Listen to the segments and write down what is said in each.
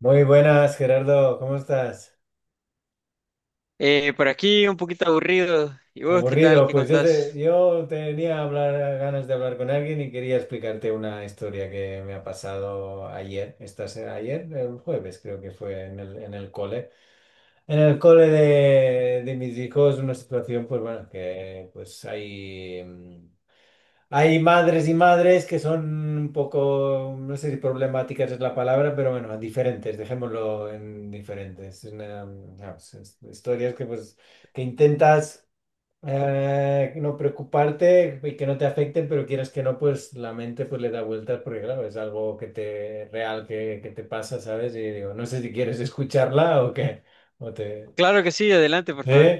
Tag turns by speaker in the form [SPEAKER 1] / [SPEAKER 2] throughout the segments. [SPEAKER 1] Muy buenas, Gerardo, ¿cómo estás?
[SPEAKER 2] Por aquí un poquito aburrido. ¿Y vos qué tal?
[SPEAKER 1] Aburrido,
[SPEAKER 2] ¿Qué
[SPEAKER 1] pues yo,
[SPEAKER 2] contás?
[SPEAKER 1] yo tenía ganas de hablar con alguien y quería explicarte una historia que me ha pasado ayer, esta, ayer, el jueves creo que fue en el cole. En el cole de mis hijos, una situación, pues bueno, que pues hay madres y madres que son un poco, no sé si problemáticas es la palabra, pero bueno, diferentes, dejémoslo en diferentes. Es vamos, historias que, pues, que intentas no preocuparte y que no te afecten, pero quieras que no, pues la mente pues, le da vueltas porque, claro, es algo que te, real que te pasa, ¿sabes? Y digo, no sé si quieres escucharla o qué. O te,
[SPEAKER 2] Claro que sí, adelante, por
[SPEAKER 1] ¿Eh?
[SPEAKER 2] favor.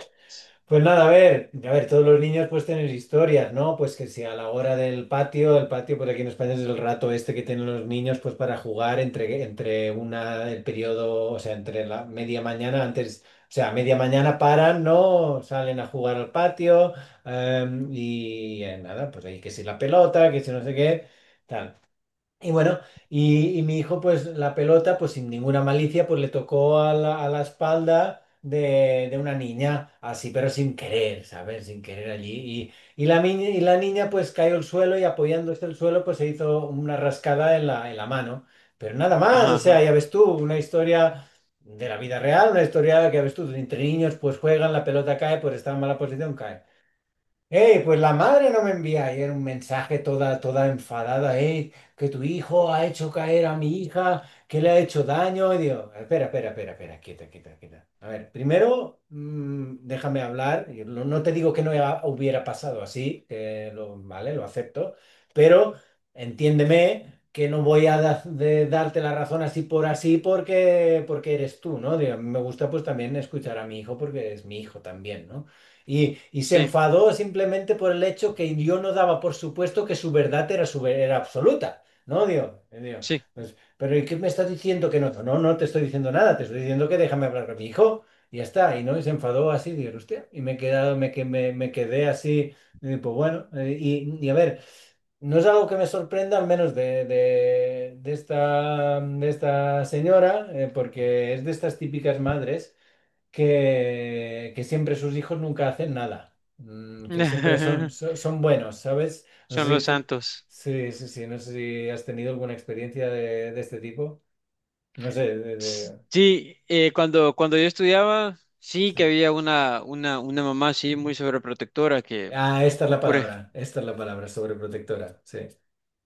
[SPEAKER 1] Pues nada, a ver, todos los niños pues tienen historias, ¿no? Pues que si a la hora del patio, el patio por aquí en España es el rato este que tienen los niños pues para jugar entre, el periodo, o sea, entre la media mañana, antes, o sea, a media mañana paran, ¿no? Salen a jugar al patio y nada, pues ahí que si la pelota, que si no sé qué, tal. Y bueno, y mi hijo, pues la pelota, pues sin ninguna malicia, pues le tocó a la, espalda de una niña, así, pero sin querer, ¿sabes? Sin querer allí. Y la niña, pues cayó al suelo y apoyándose el suelo, pues se hizo una rascada en la mano. Pero nada más,
[SPEAKER 2] Ajá,
[SPEAKER 1] o
[SPEAKER 2] ajá.
[SPEAKER 1] sea, ya ves tú, una historia de la vida real, una historia que ya ves tú, entre niños, pues juegan, la pelota cae, pues está en mala posición, cae. Ey, pues la madre no me envía ayer un mensaje toda, toda enfadada, ey, que tu hijo ha hecho caer a mi hija, que le ha hecho daño. Y digo, espera, espera, espera, espera, quieta, quieta, quieta. A ver, primero, déjame hablar. Yo no te digo que no hubiera pasado así, que lo, vale, lo acepto, pero entiéndeme que no voy a de darte la razón así por así porque, eres tú, ¿no? Digo, me gusta pues también escuchar a mi hijo porque es mi hijo también, ¿no? Y se
[SPEAKER 2] Sí,
[SPEAKER 1] enfadó simplemente por el hecho que yo no daba por supuesto que su verdad era, era absoluta, ¿no? Digo,
[SPEAKER 2] sí.
[SPEAKER 1] pues, pero ¿y qué me estás diciendo que no? No, no te estoy diciendo nada, te estoy diciendo que déjame hablar con mi hijo y ya está. Y no, y se enfadó así, digo, hostia, y me he quedado, me, me quedé así, y, pues bueno, y a ver, no es algo que me sorprenda, al menos de esta señora, porque es de estas típicas madres que siempre sus hijos nunca hacen nada, que siempre son, so- son buenos, ¿sabes? No sé
[SPEAKER 2] Son
[SPEAKER 1] si
[SPEAKER 2] los
[SPEAKER 1] tú,
[SPEAKER 2] santos.
[SPEAKER 1] sí, sí, sí, no sé si has tenido alguna experiencia de este tipo. No sé,
[SPEAKER 2] Sí, cuando yo estudiaba, sí
[SPEAKER 1] sí.
[SPEAKER 2] que había una mamá, sí, muy sobreprotectora, que,
[SPEAKER 1] Ah, esta es la
[SPEAKER 2] por, ej-
[SPEAKER 1] palabra, esta es la palabra, sobreprotectora, sí.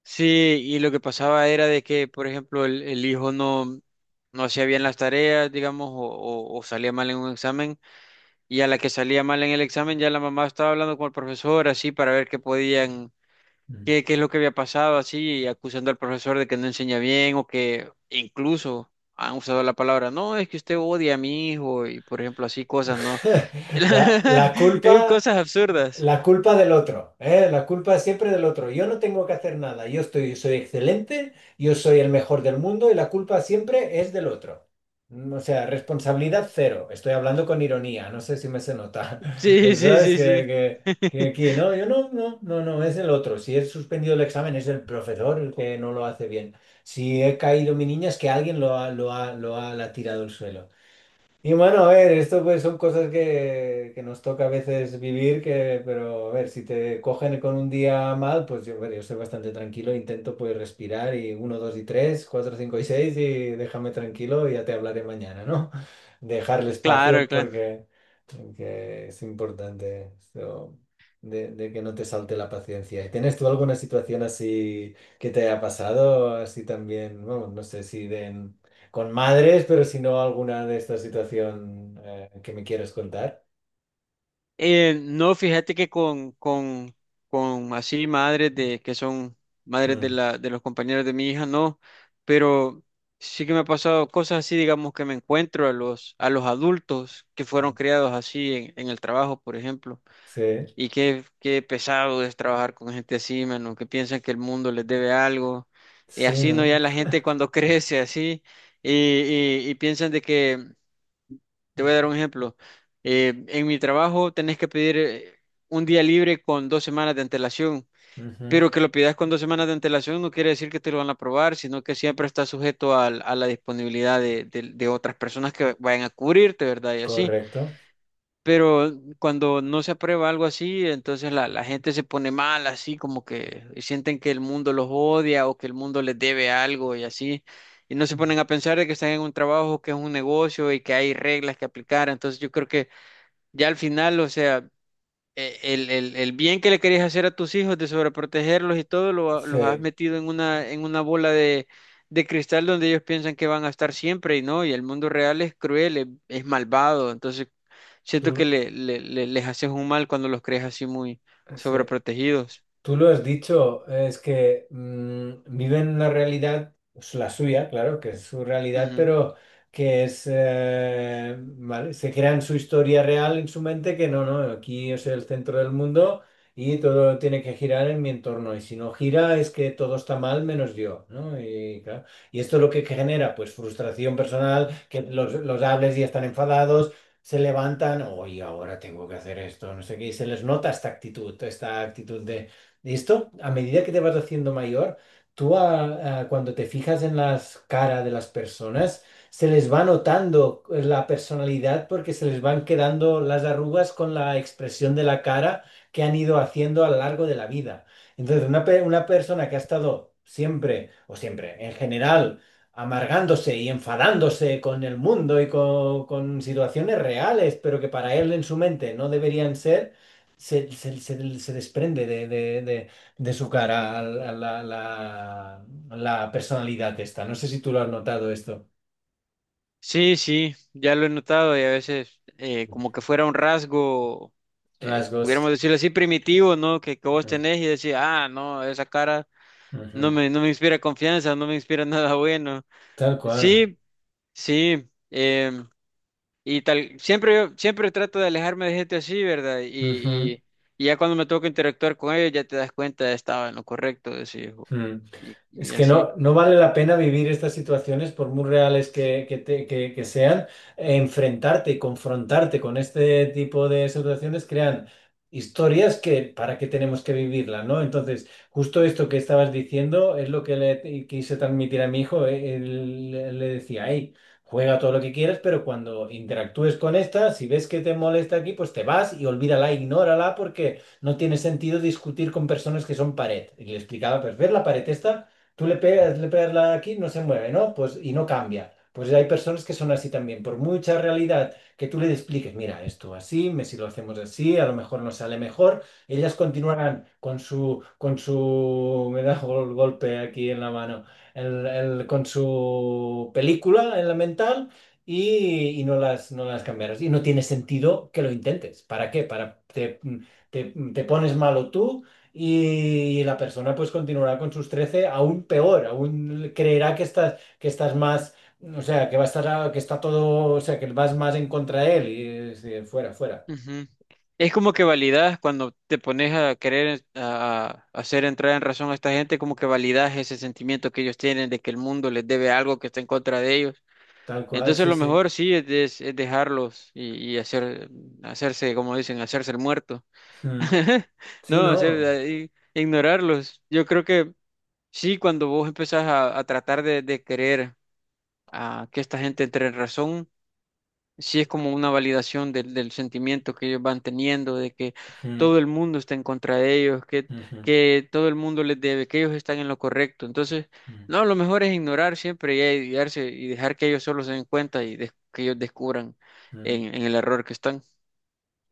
[SPEAKER 2] sí, y lo que pasaba era de que, por ejemplo, el hijo no hacía bien las tareas, digamos, o, o salía mal en un examen. Y a la que salía mal en el examen, ya la mamá estaba hablando con el profesor, así, para ver qué podían,
[SPEAKER 1] Mm.
[SPEAKER 2] qué, qué es lo que había pasado, así, y acusando al profesor de que no enseña bien o que incluso han usado la palabra, no, es que usted odia a mi hijo y, por ejemplo, así cosas, ¿no?
[SPEAKER 1] La, la culpa.
[SPEAKER 2] Cosas absurdas.
[SPEAKER 1] La culpa del otro, ¿eh? La culpa es siempre del otro. Yo no tengo que hacer nada. Yo estoy, soy excelente, yo soy el mejor del mundo y la culpa siempre es del otro. O sea, responsabilidad cero. Estoy hablando con ironía, no sé si me se nota.
[SPEAKER 2] Sí, sí,
[SPEAKER 1] ¿Verdad? Es que,
[SPEAKER 2] sí, sí.
[SPEAKER 1] que- que aquí, no, yo no, no, no, no, es el otro. Si he suspendido el examen, es el profesor el que no lo hace bien. Si he caído mi niña, es que alguien la ha tirado al suelo. Y bueno, a ver, esto pues son cosas que nos toca a veces vivir, pero a ver, si te cogen con un día mal, pues yo, bueno, yo soy bastante tranquilo, intento pues respirar y uno, dos y tres, cuatro, cinco y seis y déjame tranquilo y ya te hablaré mañana, ¿no? Dejarle
[SPEAKER 2] Claro,
[SPEAKER 1] espacio
[SPEAKER 2] claro.
[SPEAKER 1] porque, es importante esto de que no te salte la paciencia. ¿Y tienes tú alguna situación así que te haya pasado, así también, bueno, no sé si de con madres, pero si no alguna de esta situación que me quieres contar.
[SPEAKER 2] No, fíjate que con así madres de que son madres de
[SPEAKER 1] Mm.
[SPEAKER 2] la, de los compañeros de mi hija, no, pero sí que me ha pasado cosas así, digamos, que me encuentro a los adultos que fueron criados así en el trabajo, por ejemplo,
[SPEAKER 1] Sí,
[SPEAKER 2] y qué, qué pesado es trabajar con gente así, mano, que piensan que el mundo les debe algo. Y
[SPEAKER 1] sí,
[SPEAKER 2] así no, ya
[SPEAKER 1] ¿no?
[SPEAKER 2] la gente cuando crece así, y, y piensan de que te voy a
[SPEAKER 1] Ujú,
[SPEAKER 2] dar un ejemplo. En mi trabajo tenés que pedir un día libre con dos semanas de antelación,
[SPEAKER 1] ujú,
[SPEAKER 2] pero que lo pidas con dos semanas de antelación no quiere decir que te lo van a aprobar, sino que siempre está sujeto a la disponibilidad de, de otras personas que vayan a cubrirte, ¿verdad? Y así.
[SPEAKER 1] correcto.
[SPEAKER 2] Pero cuando no se aprueba algo así, entonces la gente se pone mal, así como que y sienten que el mundo los odia o que el mundo les debe algo y así. Y no se ponen a pensar de que están en un trabajo, que es un negocio y que hay reglas que aplicar. Entonces yo creo que ya al final, o sea, el bien que le querías hacer a tus hijos de sobreprotegerlos y todo, lo, los has
[SPEAKER 1] Sí,
[SPEAKER 2] metido en una bola de cristal donde ellos piensan que van a estar siempre y no, y el mundo real es cruel, es malvado. Entonces siento que
[SPEAKER 1] tú,
[SPEAKER 2] les haces un mal cuando los crees así muy
[SPEAKER 1] sí.
[SPEAKER 2] sobreprotegidos.
[SPEAKER 1] Tú lo has dicho, es que viven una realidad, pues, la suya, claro, que es su realidad,
[SPEAKER 2] Ujú.
[SPEAKER 1] pero que es, ¿vale? Se crean su historia real en su mente, que no, no, aquí es el centro del mundo y todo tiene que girar en mi entorno, y si no gira es que todo está mal menos yo, ¿no? Y, claro, y esto lo que genera, pues frustración personal, que los hables y están enfadados. Se levantan, hoy ahora tengo que hacer esto, no sé qué, y se les nota esta actitud de ¿listo? A medida que te vas haciendo mayor, tú cuando te fijas en las caras de las personas, se les va notando la personalidad porque se les van quedando las arrugas con la expresión de la cara que han ido haciendo a lo largo de la vida. Entonces, una persona que ha estado siempre, o siempre, en general, amargándose y enfadándose con el mundo y con situaciones reales, pero que para él en su mente no deberían ser se desprende de su cara a la, la- la- la personalidad esta. No sé si tú lo has notado esto.
[SPEAKER 2] Sí, sí, ya lo he notado y a veces como que fuera un rasgo,
[SPEAKER 1] Rasgos.
[SPEAKER 2] pudiéramos decirlo así, primitivo, ¿no? Que vos
[SPEAKER 1] Mm,
[SPEAKER 2] tenés y decís, ah, no, esa cara
[SPEAKER 1] ujú.
[SPEAKER 2] no me inspira confianza, no me inspira nada bueno.
[SPEAKER 1] Tal cual.
[SPEAKER 2] Sí, sí. Y tal, siempre yo, siempre trato de alejarme de gente así, ¿verdad?
[SPEAKER 1] Ujú.
[SPEAKER 2] Y, y ya cuando me toca interactuar con ellos, ya te das cuenta, estaba en lo correcto, decís,
[SPEAKER 1] Mm. Es
[SPEAKER 2] y
[SPEAKER 1] que
[SPEAKER 2] así.
[SPEAKER 1] no, no vale la pena vivir estas situaciones, por muy reales que- te- que sean, enfrentarte y confrontarte con este tipo de situaciones crean historias que para qué tenemos que vivirla, ¿no? Entonces, justo esto que estabas diciendo es lo que le quise transmitir a mi hijo. Él, le decía, hey, juega todo lo que quieras, pero cuando interactúes con esta, si ves que te molesta aquí, pues te vas y olvídala, ignórala, no tiene sentido discutir con personas que son pared. Y le explicaba, pues ver la pared esta, tú le pegas la aquí, no se mueve, ¿no? Pues y no cambia. Pues hay personas que son así también. Por mucha realidad que tú le expliques, mira, esto así, si lo hacemos así, a lo mejor nos sale mejor, ellas continuarán con su, me da un golpe aquí en la mano, con su película en la mental y no las cambiarás. Y no tiene sentido que lo intentes. ¿Para qué? Para, te pones malo tú y la persona pues continuará con sus 13 aún peor, aún creerá que estás más, o sea, que va a estar, que está todo, o sea, que vas más en contra de él y, sí, fuera, fuera.
[SPEAKER 2] Ujú. Es como que validas cuando te pones a querer a hacer entrar en razón a esta gente, como que validas ese sentimiento que ellos tienen de que el mundo les debe algo que está en contra de ellos.
[SPEAKER 1] Tal cual,
[SPEAKER 2] Entonces
[SPEAKER 1] sí,
[SPEAKER 2] lo
[SPEAKER 1] sí.
[SPEAKER 2] mejor sí es, es dejarlos y hacer, hacerse, como dicen, hacerse el muerto.
[SPEAKER 1] Mm. Sí,
[SPEAKER 2] No, o
[SPEAKER 1] no.
[SPEAKER 2] sea, ignorarlos. Yo creo que sí, cuando vos empezás a tratar de querer a que esta gente entre en razón, sí es como una validación del, del sentimiento que ellos van teniendo, de que
[SPEAKER 1] Mm,
[SPEAKER 2] todo el mundo está en contra de ellos,
[SPEAKER 1] ujú,
[SPEAKER 2] que todo el mundo les debe, que ellos están en lo correcto. Entonces,
[SPEAKER 1] mm,
[SPEAKER 2] no, lo mejor es ignorar siempre y ayudarse y dejar que ellos solo se den cuenta y que ellos descubran
[SPEAKER 1] mm.
[SPEAKER 2] en el error que están.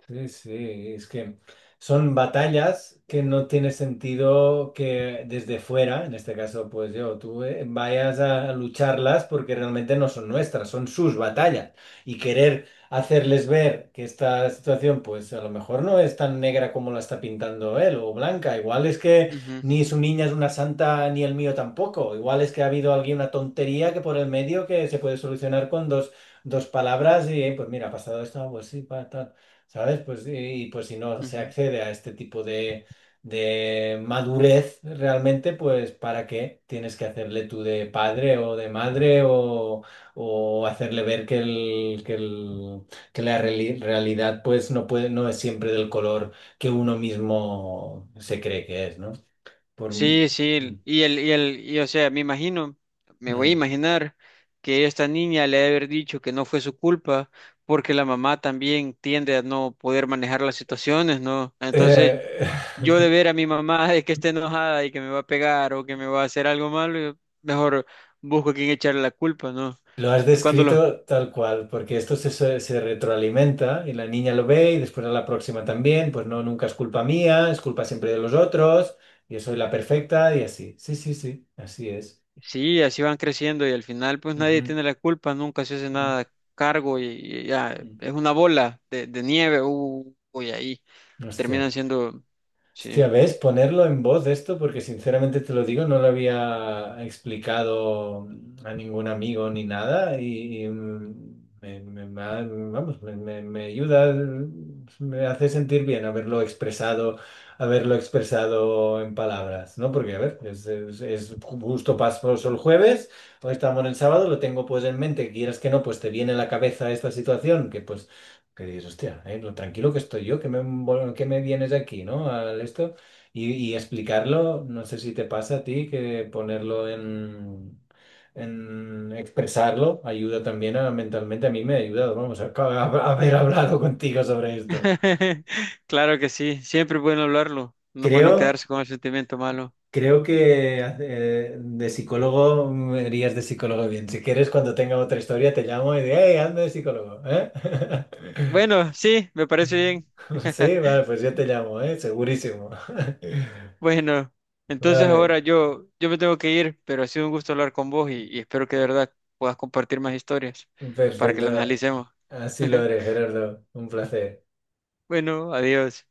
[SPEAKER 1] Sí, sí, es que son batallas que no tiene sentido que desde fuera, en este caso pues yo, tú, vayas a lucharlas porque realmente no son nuestras, son sus batallas. Y querer hacerles ver que esta situación pues a lo mejor no es tan negra como la está pintando él o blanca, igual es que
[SPEAKER 2] Ujú,
[SPEAKER 1] ni su niña es una santa ni el mío tampoco, igual es que ha habido alguien, una tontería que por el medio que se puede solucionar con dos palabras y pues mira, ha pasado esto, ah, pues sí, pa, tal. ¿Sabes? Pues, y pues si no se
[SPEAKER 2] ujú.
[SPEAKER 1] accede a este tipo de madurez realmente, pues ¿para qué tienes que hacerle tú de padre o de madre o hacerle ver que la realidad pues no puede, no es siempre del color que uno mismo se cree que es, ¿no? Por. Mm.
[SPEAKER 2] Sí, sí, y o sea, me imagino, me voy a
[SPEAKER 1] Mm.
[SPEAKER 2] imaginar que esta niña le ha de haber dicho que no fue su culpa, porque la mamá también tiende a no poder manejar las situaciones, ¿no? Entonces,
[SPEAKER 1] Eh,
[SPEAKER 2] yo de ver a mi mamá de que esté enojada y que me va a pegar o que me va a hacer algo malo, yo mejor busco a quien echarle la culpa, ¿no?
[SPEAKER 1] Lo has
[SPEAKER 2] Eh, Cuando los,
[SPEAKER 1] descrito tal cual, porque esto se, se retroalimenta y la niña lo ve y después a la próxima también, pues no, nunca es culpa mía, es culpa siempre de los otros, yo soy la perfecta y así. Sí, sí, sí, así es.
[SPEAKER 2] sí, así van creciendo y al final, pues nadie
[SPEAKER 1] Ujú,
[SPEAKER 2] tiene la culpa, nunca se hace
[SPEAKER 1] ujú.
[SPEAKER 2] nada cargo y ya, es una bola de nieve, uy, ahí.
[SPEAKER 1] Hostia.
[SPEAKER 2] Terminan siendo, sí,
[SPEAKER 1] Hostia, ¿ves? Ponerlo en voz esto, porque sinceramente te lo digo, no lo había explicado a ningún amigo ni nada y, me, me- me ha- vamos, me- me ayuda, me hace sentir bien haberlo expresado en palabras, ¿no? Porque, a ver, es justo paso el jueves, hoy estamos en el sábado, lo tengo pues en mente, quieras que no, pues te viene a la cabeza esta situación, que pues. Que dices, hostia, lo tranquilo que estoy yo, que me vienes aquí, ¿no? Al esto. Y explicarlo, no sé si te pasa a ti, que ponerlo en, expresarlo ayuda también a, mentalmente. A mí me ha ayudado, vamos, haber hablado contigo sobre esto.
[SPEAKER 2] claro que sí, siempre es bueno hablarlo, no es bueno
[SPEAKER 1] Creo,
[SPEAKER 2] quedarse con el sentimiento malo.
[SPEAKER 1] creo que de psicólogo me irías de psicólogo bien. Si quieres, cuando tenga otra historia, te llamo y digo, hey, ando de psicólogo, ¿eh?
[SPEAKER 2] Bueno, sí, me parece bien.
[SPEAKER 1] Sí, vale, pues yo te llamo, ¿eh? Segurísimo.
[SPEAKER 2] Bueno, entonces ahora
[SPEAKER 1] Vale,
[SPEAKER 2] yo, yo me tengo que ir, pero ha sido un gusto hablar con vos y espero que de verdad puedas compartir más historias para que las
[SPEAKER 1] perfecto.
[SPEAKER 2] analicemos.
[SPEAKER 1] Así lo haré, Gerardo. Un placer.
[SPEAKER 2] Bueno, adiós.